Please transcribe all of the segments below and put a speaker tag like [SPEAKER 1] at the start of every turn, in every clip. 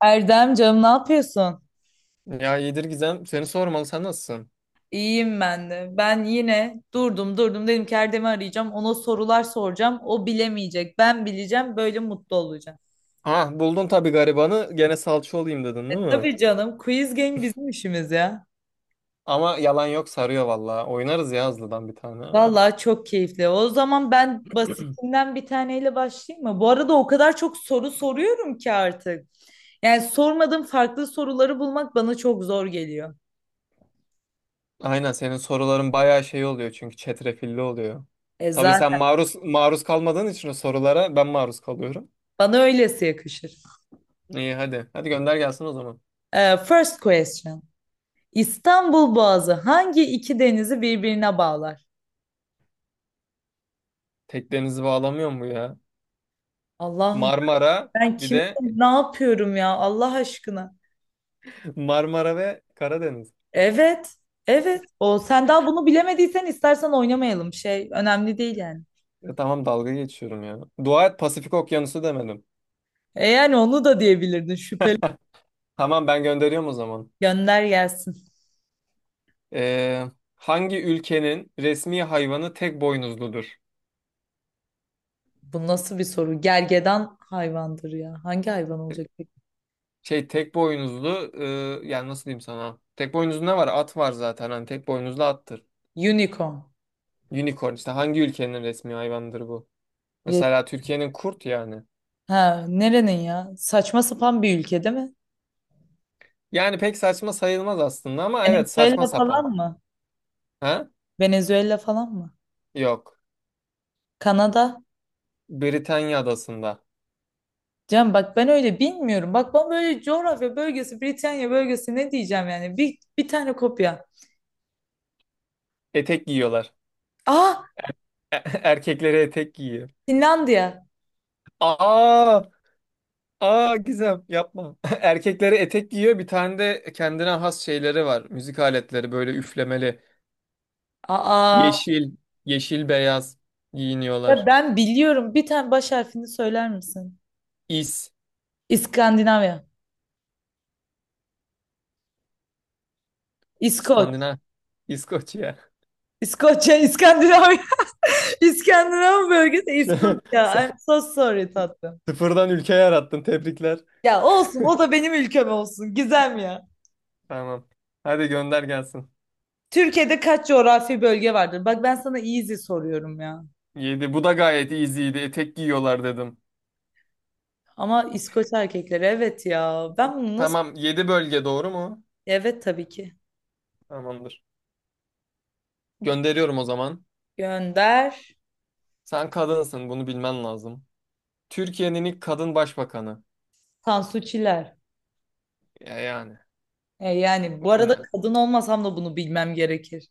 [SPEAKER 1] Erdem canım ne yapıyorsun?
[SPEAKER 2] Ya iyidir Gizem. Seni sormalı. Sen nasılsın?
[SPEAKER 1] İyiyim ben de. Ben yine durdum durdum dedim ki Erdem'i arayacağım. Ona sorular soracağım. O bilemeyecek. Ben bileceğim. Böyle mutlu olacağım.
[SPEAKER 2] Ha buldun tabii garibanı. Gene salça olayım dedin
[SPEAKER 1] E
[SPEAKER 2] değil mi?
[SPEAKER 1] tabii canım. Quiz game bizim işimiz ya.
[SPEAKER 2] Ama yalan yok sarıyor valla. Oynarız ya hızlıdan bir tane.
[SPEAKER 1] Vallahi çok keyifli. O zaman ben basitinden bir taneyle başlayayım mı? Bu arada o kadar çok soru soruyorum ki artık. Yani sormadığım farklı soruları bulmak bana çok zor geliyor.
[SPEAKER 2] Aynen senin soruların bayağı şey oluyor çünkü çetrefilli oluyor.
[SPEAKER 1] E
[SPEAKER 2] Tabii sen
[SPEAKER 1] zaten
[SPEAKER 2] maruz kalmadığın için o sorulara ben maruz kalıyorum.
[SPEAKER 1] bana öylesi yakışır.
[SPEAKER 2] İyi hadi. Hadi gönder gelsin o zaman.
[SPEAKER 1] E, first question. İstanbul Boğazı hangi iki denizi birbirine bağlar?
[SPEAKER 2] Teklerinizi bağlamıyor mu ya?
[SPEAKER 1] Allah'ım,
[SPEAKER 2] Marmara
[SPEAKER 1] ben
[SPEAKER 2] bir
[SPEAKER 1] kim
[SPEAKER 2] de
[SPEAKER 1] ne yapıyorum ya Allah aşkına.
[SPEAKER 2] Marmara ve Karadeniz.
[SPEAKER 1] Evet, evet. O sen daha bunu bilemediysen istersen oynamayalım. Şey önemli değil yani.
[SPEAKER 2] Ya tamam dalga geçiyorum ya. Dua et Pasifik Okyanusu demedim.
[SPEAKER 1] E yani onu da diyebilirdin, şüpheli.
[SPEAKER 2] Tamam ben gönderiyorum o zaman.
[SPEAKER 1] Gönder gelsin.
[SPEAKER 2] Ee, hangi ülkenin resmi hayvanı tek boynuzludur?
[SPEAKER 1] Bu nasıl bir soru? Gergedan hayvandır ya. Hangi hayvan olacak peki?
[SPEAKER 2] Şey tek boynuzlu, yani nasıl diyeyim sana? Tek boynuzlu ne var? At var zaten. Hani tek boynuzlu attır.
[SPEAKER 1] Unicorn.
[SPEAKER 2] Unicorn işte hangi ülkenin resmi hayvanıdır bu?
[SPEAKER 1] Re-
[SPEAKER 2] Mesela Türkiye'nin kurt yani.
[SPEAKER 1] Ha, nerenin ya? Saçma sapan bir ülke değil mi?
[SPEAKER 2] Yani pek saçma sayılmaz aslında ama evet saçma
[SPEAKER 1] Venezuela falan
[SPEAKER 2] sapan.
[SPEAKER 1] mı?
[SPEAKER 2] Ha?
[SPEAKER 1] Venezuela falan mı?
[SPEAKER 2] Yok.
[SPEAKER 1] Kanada?
[SPEAKER 2] Britanya adasında.
[SPEAKER 1] Can bak, ben öyle bilmiyorum. Bak, ben böyle coğrafya bölgesi, Britanya bölgesi, ne diyeceğim yani? Bir tane kopya.
[SPEAKER 2] Etek giyiyorlar.
[SPEAKER 1] Aa,
[SPEAKER 2] Erkekleri etek giyiyor.
[SPEAKER 1] Finlandiya.
[SPEAKER 2] Aa! Aa Gizem yapma. Erkekleri etek giyiyor. Bir tane de kendine has şeyleri var. Müzik aletleri böyle üflemeli.
[SPEAKER 1] Aa,
[SPEAKER 2] Yeşil, yeşil beyaz
[SPEAKER 1] ya
[SPEAKER 2] giyiniyorlar.
[SPEAKER 1] ben biliyorum. Bir tane baş harfini söyler misin?
[SPEAKER 2] İs,
[SPEAKER 1] İskandinavya. İskoç.
[SPEAKER 2] İskandinav, İskoçya.
[SPEAKER 1] İskoçya, İskandinavya. İskandinav bölgesi
[SPEAKER 2] Şey, sen
[SPEAKER 1] İskoçya. I'm so sorry, tatlım.
[SPEAKER 2] sıfırdan ülke yarattın. Tebrikler.
[SPEAKER 1] Ya olsun, o da benim ülkem olsun. Gizem ya.
[SPEAKER 2] Tamam. Hadi gönder gelsin.
[SPEAKER 1] Türkiye'de kaç coğrafi bölge vardır? Bak, ben sana easy soruyorum ya.
[SPEAKER 2] Yedi. Bu da gayet easy'ydi. Etek giyiyorlar dedim.
[SPEAKER 1] Ama İskoç erkekleri, evet ya. Ben bunu nasıl...
[SPEAKER 2] Tamam. Yedi bölge doğru mu?
[SPEAKER 1] Evet, tabii ki.
[SPEAKER 2] Tamamdır. Gönderiyorum o zaman.
[SPEAKER 1] Gönder.
[SPEAKER 2] Sen kadınsın. Bunu bilmen lazım. Türkiye'nin ilk kadın başbakanı.
[SPEAKER 1] Tansu Çiller.
[SPEAKER 2] Ya yani.
[SPEAKER 1] E, yani bu arada
[SPEAKER 2] Ne?
[SPEAKER 1] kadın olmasam da bunu bilmem gerekir.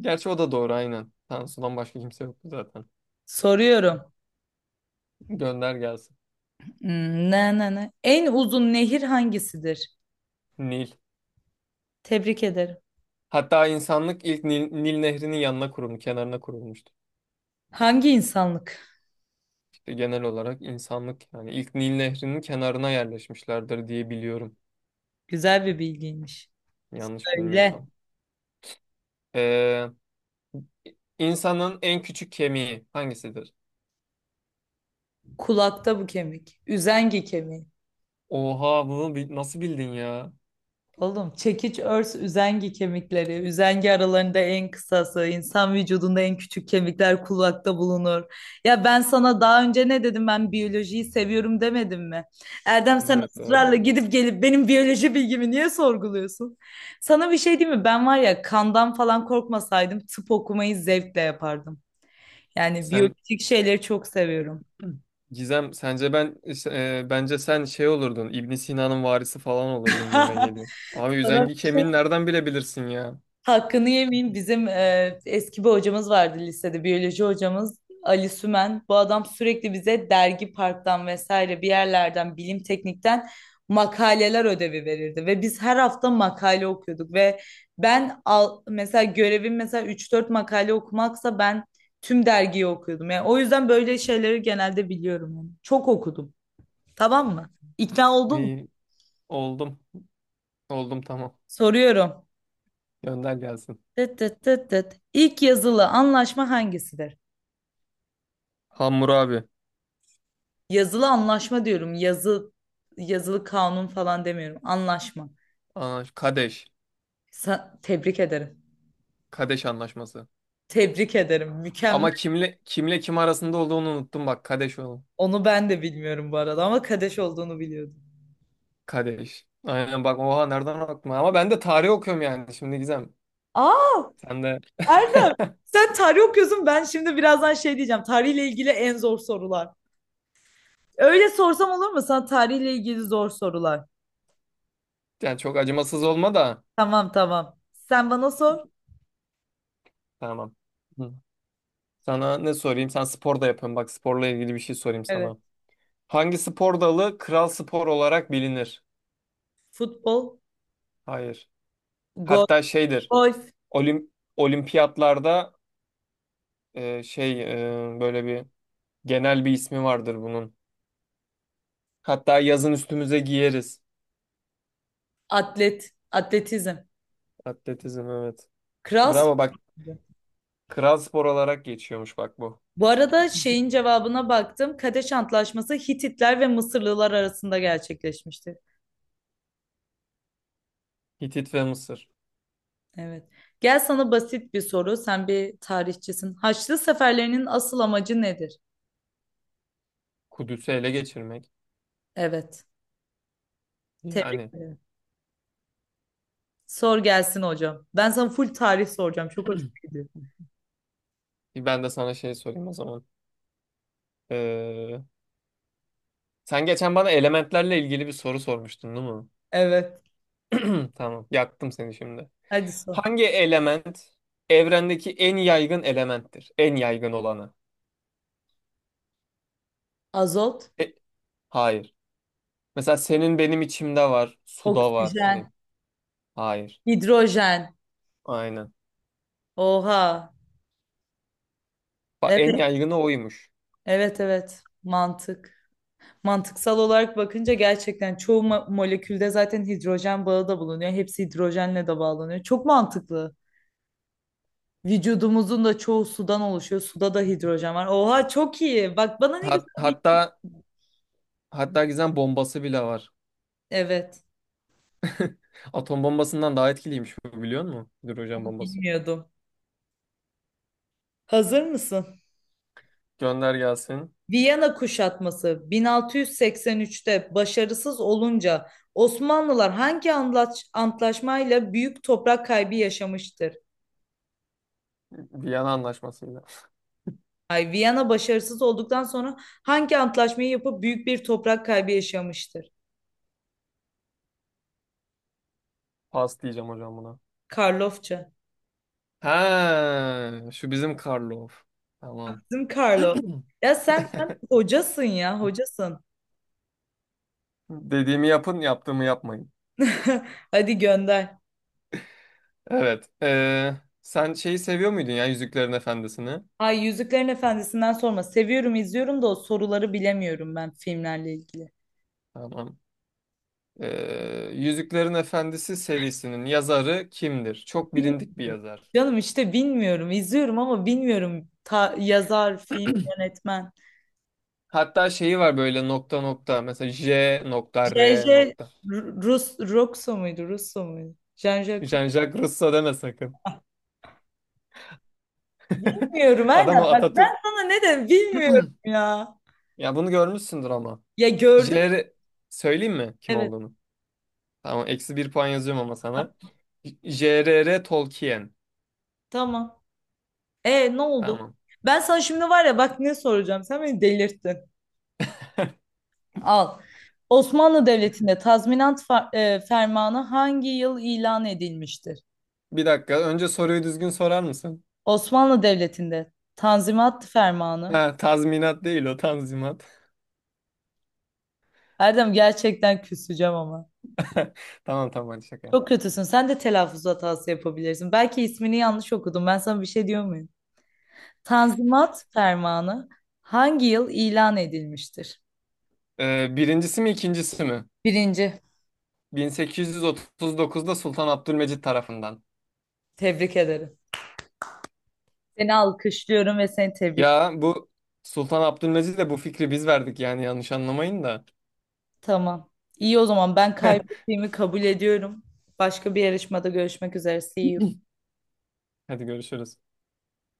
[SPEAKER 2] Gerçi o da doğru aynen. Tansu'dan başka kimse yoktu zaten.
[SPEAKER 1] Soruyorum.
[SPEAKER 2] Gönder gelsin.
[SPEAKER 1] Hmm, ne? En uzun nehir hangisidir?
[SPEAKER 2] Nil.
[SPEAKER 1] Tebrik ederim.
[SPEAKER 2] Hatta insanlık ilk Nil Nehri'nin yanına kurulmuş, kenarına kurulmuştu.
[SPEAKER 1] Hangi insanlık?
[SPEAKER 2] İşte genel olarak insanlık yani ilk Nil Nehri'nin kenarına yerleşmişlerdir diye biliyorum.
[SPEAKER 1] Güzel bir bilgiymiş.
[SPEAKER 2] Yanlış
[SPEAKER 1] Öyle.
[SPEAKER 2] bilmiyorsam. Ee, insanın en küçük kemiği hangisidir?
[SPEAKER 1] Kulakta bu kemik. Üzengi kemiği.
[SPEAKER 2] Oha bunu nasıl bildin ya?
[SPEAKER 1] Oğlum, çekiç, örs, üzengi kemikleri. Üzengi aralarında en kısası. İnsan vücudunda en küçük kemikler kulakta bulunur. Ya ben sana daha önce ne dedim, ben biyolojiyi seviyorum demedim mi? Erdem, sen
[SPEAKER 2] Evet, doğru.
[SPEAKER 1] ısrarla gidip gelip benim biyoloji bilgimi niye sorguluyorsun? Sana bir şey diyeyim mi? Ben var ya, kandan falan korkmasaydım tıp okumayı zevkle yapardım. Yani
[SPEAKER 2] Sen
[SPEAKER 1] biyolojik şeyleri çok seviyorum.
[SPEAKER 2] Gizem sence ben işte, bence sen şey olurdun, İbn Sina'nın varisi falan olurdun gibime geliyor. Abi
[SPEAKER 1] Sana
[SPEAKER 2] üzengi kemiğini nereden bilebilirsin ya?
[SPEAKER 1] hakkını yemeyeyim, bizim eski bir hocamız vardı lisede, biyoloji hocamız Ali Sümen. Bu adam sürekli bize dergi parktan vesaire bir yerlerden, bilim teknikten makaleler ödevi verirdi ve biz her hafta makale okuyorduk ve ben, al, mesela görevim, mesela 3-4 makale okumaksa ben tüm dergiyi okuyordum. Yani o yüzden böyle şeyleri genelde biliyorum, yani. Çok okudum. Tamam mı? İkna oldun mu?
[SPEAKER 2] İyi oldum. Oldum, tamam.
[SPEAKER 1] Soruyorum.
[SPEAKER 2] Gönder gelsin.
[SPEAKER 1] Tıt tıt tıt tıt. İlk yazılı anlaşma hangisidir?
[SPEAKER 2] Hammurabi.
[SPEAKER 1] Yazılı anlaşma diyorum. Yazı, yazılı kanun falan demiyorum. Anlaşma.
[SPEAKER 2] Aa, Kadeş.
[SPEAKER 1] Tebrik ederim.
[SPEAKER 2] Kadeş anlaşması.
[SPEAKER 1] Tebrik ederim. Mükemmel.
[SPEAKER 2] Ama kim arasında olduğunu unuttum bak, Kadeş oğlum.
[SPEAKER 1] Onu ben de bilmiyorum bu arada, ama Kadeş olduğunu biliyordum.
[SPEAKER 2] Kadeş. Aynen bak, oha nereden aklıma, ama ben de tarih okuyorum yani şimdi Gizem.
[SPEAKER 1] Aa,
[SPEAKER 2] Sen de
[SPEAKER 1] Erdem. Sen tarih okuyorsun. Ben şimdi birazdan şey diyeceğim. Tarihle ilgili en zor sorular. Öyle sorsam olur mu? Sana tarihle ilgili zor sorular.
[SPEAKER 2] yani çok acımasız olma da.
[SPEAKER 1] Tamam tamam. Sen bana sor.
[SPEAKER 2] Tamam. Hı. Sana ne sorayım? Sen spor da yapıyorsun. Bak, sporla ilgili bir şey sorayım
[SPEAKER 1] Evet.
[SPEAKER 2] sana. Hangi spor dalı kral spor olarak bilinir?
[SPEAKER 1] Futbol,
[SPEAKER 2] Hayır.
[SPEAKER 1] gol,
[SPEAKER 2] Hatta şeydir.
[SPEAKER 1] golf,
[SPEAKER 2] Olim olimpiyatlarda şey, böyle bir genel bir ismi vardır bunun. Hatta yazın üstümüze giyeriz.
[SPEAKER 1] atlet, atletizm.
[SPEAKER 2] Atletizm, evet.
[SPEAKER 1] Kral
[SPEAKER 2] Bravo bak,
[SPEAKER 1] sporu.
[SPEAKER 2] kral spor olarak geçiyormuş bak bu.
[SPEAKER 1] Bu arada şeyin cevabına baktım. Kadeş Antlaşması Hititler ve Mısırlılar arasında gerçekleşmişti.
[SPEAKER 2] Hitit ve Mısır.
[SPEAKER 1] Evet. Gel, sana basit bir soru. Sen bir tarihçisin. Haçlı seferlerinin asıl amacı nedir?
[SPEAKER 2] Kudüs'ü ele geçirmek.
[SPEAKER 1] Evet. Tebrik
[SPEAKER 2] Yani
[SPEAKER 1] ederim. Sor gelsin hocam. Ben sana full tarih soracağım. Çok hoşuma gidiyor.
[SPEAKER 2] ben de sana şey sorayım o zaman. Sen geçen bana elementlerle ilgili bir soru sormuştun, değil mi?
[SPEAKER 1] Evet.
[SPEAKER 2] Tamam, yaktım seni şimdi.
[SPEAKER 1] Hadi sor.
[SPEAKER 2] Hangi element evrendeki en yaygın elementtir? En yaygın olanı.
[SPEAKER 1] Azot,
[SPEAKER 2] E, hayır. Mesela senin, benim içimde var, suda var. Ne?
[SPEAKER 1] oksijen,
[SPEAKER 2] Hayır.
[SPEAKER 1] hidrojen.
[SPEAKER 2] Aynen.
[SPEAKER 1] Oha.
[SPEAKER 2] Bak,
[SPEAKER 1] Evet,
[SPEAKER 2] en yaygını oymuş.
[SPEAKER 1] evet, evet. Mantık. Mantıksal olarak bakınca gerçekten çoğu molekülde zaten hidrojen bağı da bulunuyor. Hepsi hidrojenle de bağlanıyor. Çok mantıklı. Vücudumuzun da çoğu sudan oluşuyor. Suda da hidrojen var. Oha, çok iyi. Bak bana ne
[SPEAKER 2] Hat-
[SPEAKER 1] güzel bir...
[SPEAKER 2] hatta hatta Gizem bombası bile var.
[SPEAKER 1] Evet,
[SPEAKER 2] Atom bombasından daha etkiliymiş bu, biliyor musun? Hidrojen
[SPEAKER 1] onu
[SPEAKER 2] bombası.
[SPEAKER 1] bilmiyordum. Hazır mısın?
[SPEAKER 2] Gönder gelsin.
[SPEAKER 1] Viyana kuşatması 1683'te başarısız olunca Osmanlılar hangi antlaşmayla büyük toprak kaybı yaşamıştır?
[SPEAKER 2] Viyana anlaşmasıyla.
[SPEAKER 1] Ay, Viyana başarısız olduktan sonra hangi antlaşmayı yapıp büyük bir toprak kaybı yaşamıştır?
[SPEAKER 2] Pas diyeceğim hocam buna.
[SPEAKER 1] Karlofça.
[SPEAKER 2] Ha, şu bizim Karlov. Tamam.
[SPEAKER 1] Bizim Karlo. Ya sen hocasın ya, hocasın.
[SPEAKER 2] Dediğimi yapın, yaptığımı yapmayın.
[SPEAKER 1] Hadi gönder.
[SPEAKER 2] Evet. Sen şeyi seviyor muydun ya, Yüzüklerin Efendisi'ni?
[SPEAKER 1] Ay, Yüzüklerin Efendisi'nden sorma. Seviyorum, izliyorum da o soruları bilemiyorum ben filmlerle ilgili.
[SPEAKER 2] Tamam. Yüzüklerin Efendisi serisinin yazarı kimdir? Çok bilindik bir
[SPEAKER 1] Bilmiyorum.
[SPEAKER 2] yazar.
[SPEAKER 1] Canım işte bilmiyorum. İzliyorum ama bilmiyorum. Yazar, film, yönetmen.
[SPEAKER 2] Hatta şeyi var, böyle nokta nokta. Mesela J nokta R
[SPEAKER 1] J.J.
[SPEAKER 2] nokta.
[SPEAKER 1] Rus Roxo muydu? Russo muydu? Jean-Jacques...
[SPEAKER 2] Jean-Jacques Rousseau deme sakın.
[SPEAKER 1] Bilmiyorum
[SPEAKER 2] Adam
[SPEAKER 1] Erdem.
[SPEAKER 2] o,
[SPEAKER 1] Bak ben
[SPEAKER 2] Atatürk.
[SPEAKER 1] sana ne dedim, bilmiyorum ya.
[SPEAKER 2] Ya bunu görmüşsündür ama.
[SPEAKER 1] Ya, gördüm.
[SPEAKER 2] JR, söyleyeyim mi kim
[SPEAKER 1] Evet,
[SPEAKER 2] olduğunu? Tamam, eksi bir puan yazıyorum ama sana. J.R.R. Tolkien.
[SPEAKER 1] tamam. E ne oldu?
[SPEAKER 2] Tamam.
[SPEAKER 1] Ben sana şimdi var ya, bak ne soracağım. Sen beni delirttin. Al. Osmanlı Devleti'nde tazminat fermanı hangi yıl ilan edilmiştir?
[SPEAKER 2] Bir dakika, önce soruyu düzgün sorar mısın?
[SPEAKER 1] Osmanlı Devleti'nde Tanzimat Fermanı.
[SPEAKER 2] Ha, tazminat değil o, tanzimat.
[SPEAKER 1] Erdem, gerçekten küseceğim ama.
[SPEAKER 2] Tamam, tamam, hadi şaka yap.
[SPEAKER 1] Çok kötüsün. Sen de telaffuz hatası yapabilirsin. Belki ismini yanlış okudum. Ben sana bir şey diyor muyum? Tanzimat Fermanı hangi yıl ilan edilmiştir?
[SPEAKER 2] Birincisi mi ikincisi mi?
[SPEAKER 1] Birinci.
[SPEAKER 2] 1839'da Sultan Abdülmecit tarafından.
[SPEAKER 1] Tebrik ederim. Seni alkışlıyorum ve seni tebrik ederim.
[SPEAKER 2] Ya bu Sultan Abdülmecit'le bu fikri biz verdik, yani yanlış anlamayın da.
[SPEAKER 1] Tamam. İyi, o zaman ben kaybettiğimi kabul ediyorum. Başka bir yarışmada görüşmek üzere. See you.
[SPEAKER 2] Hadi görüşürüz.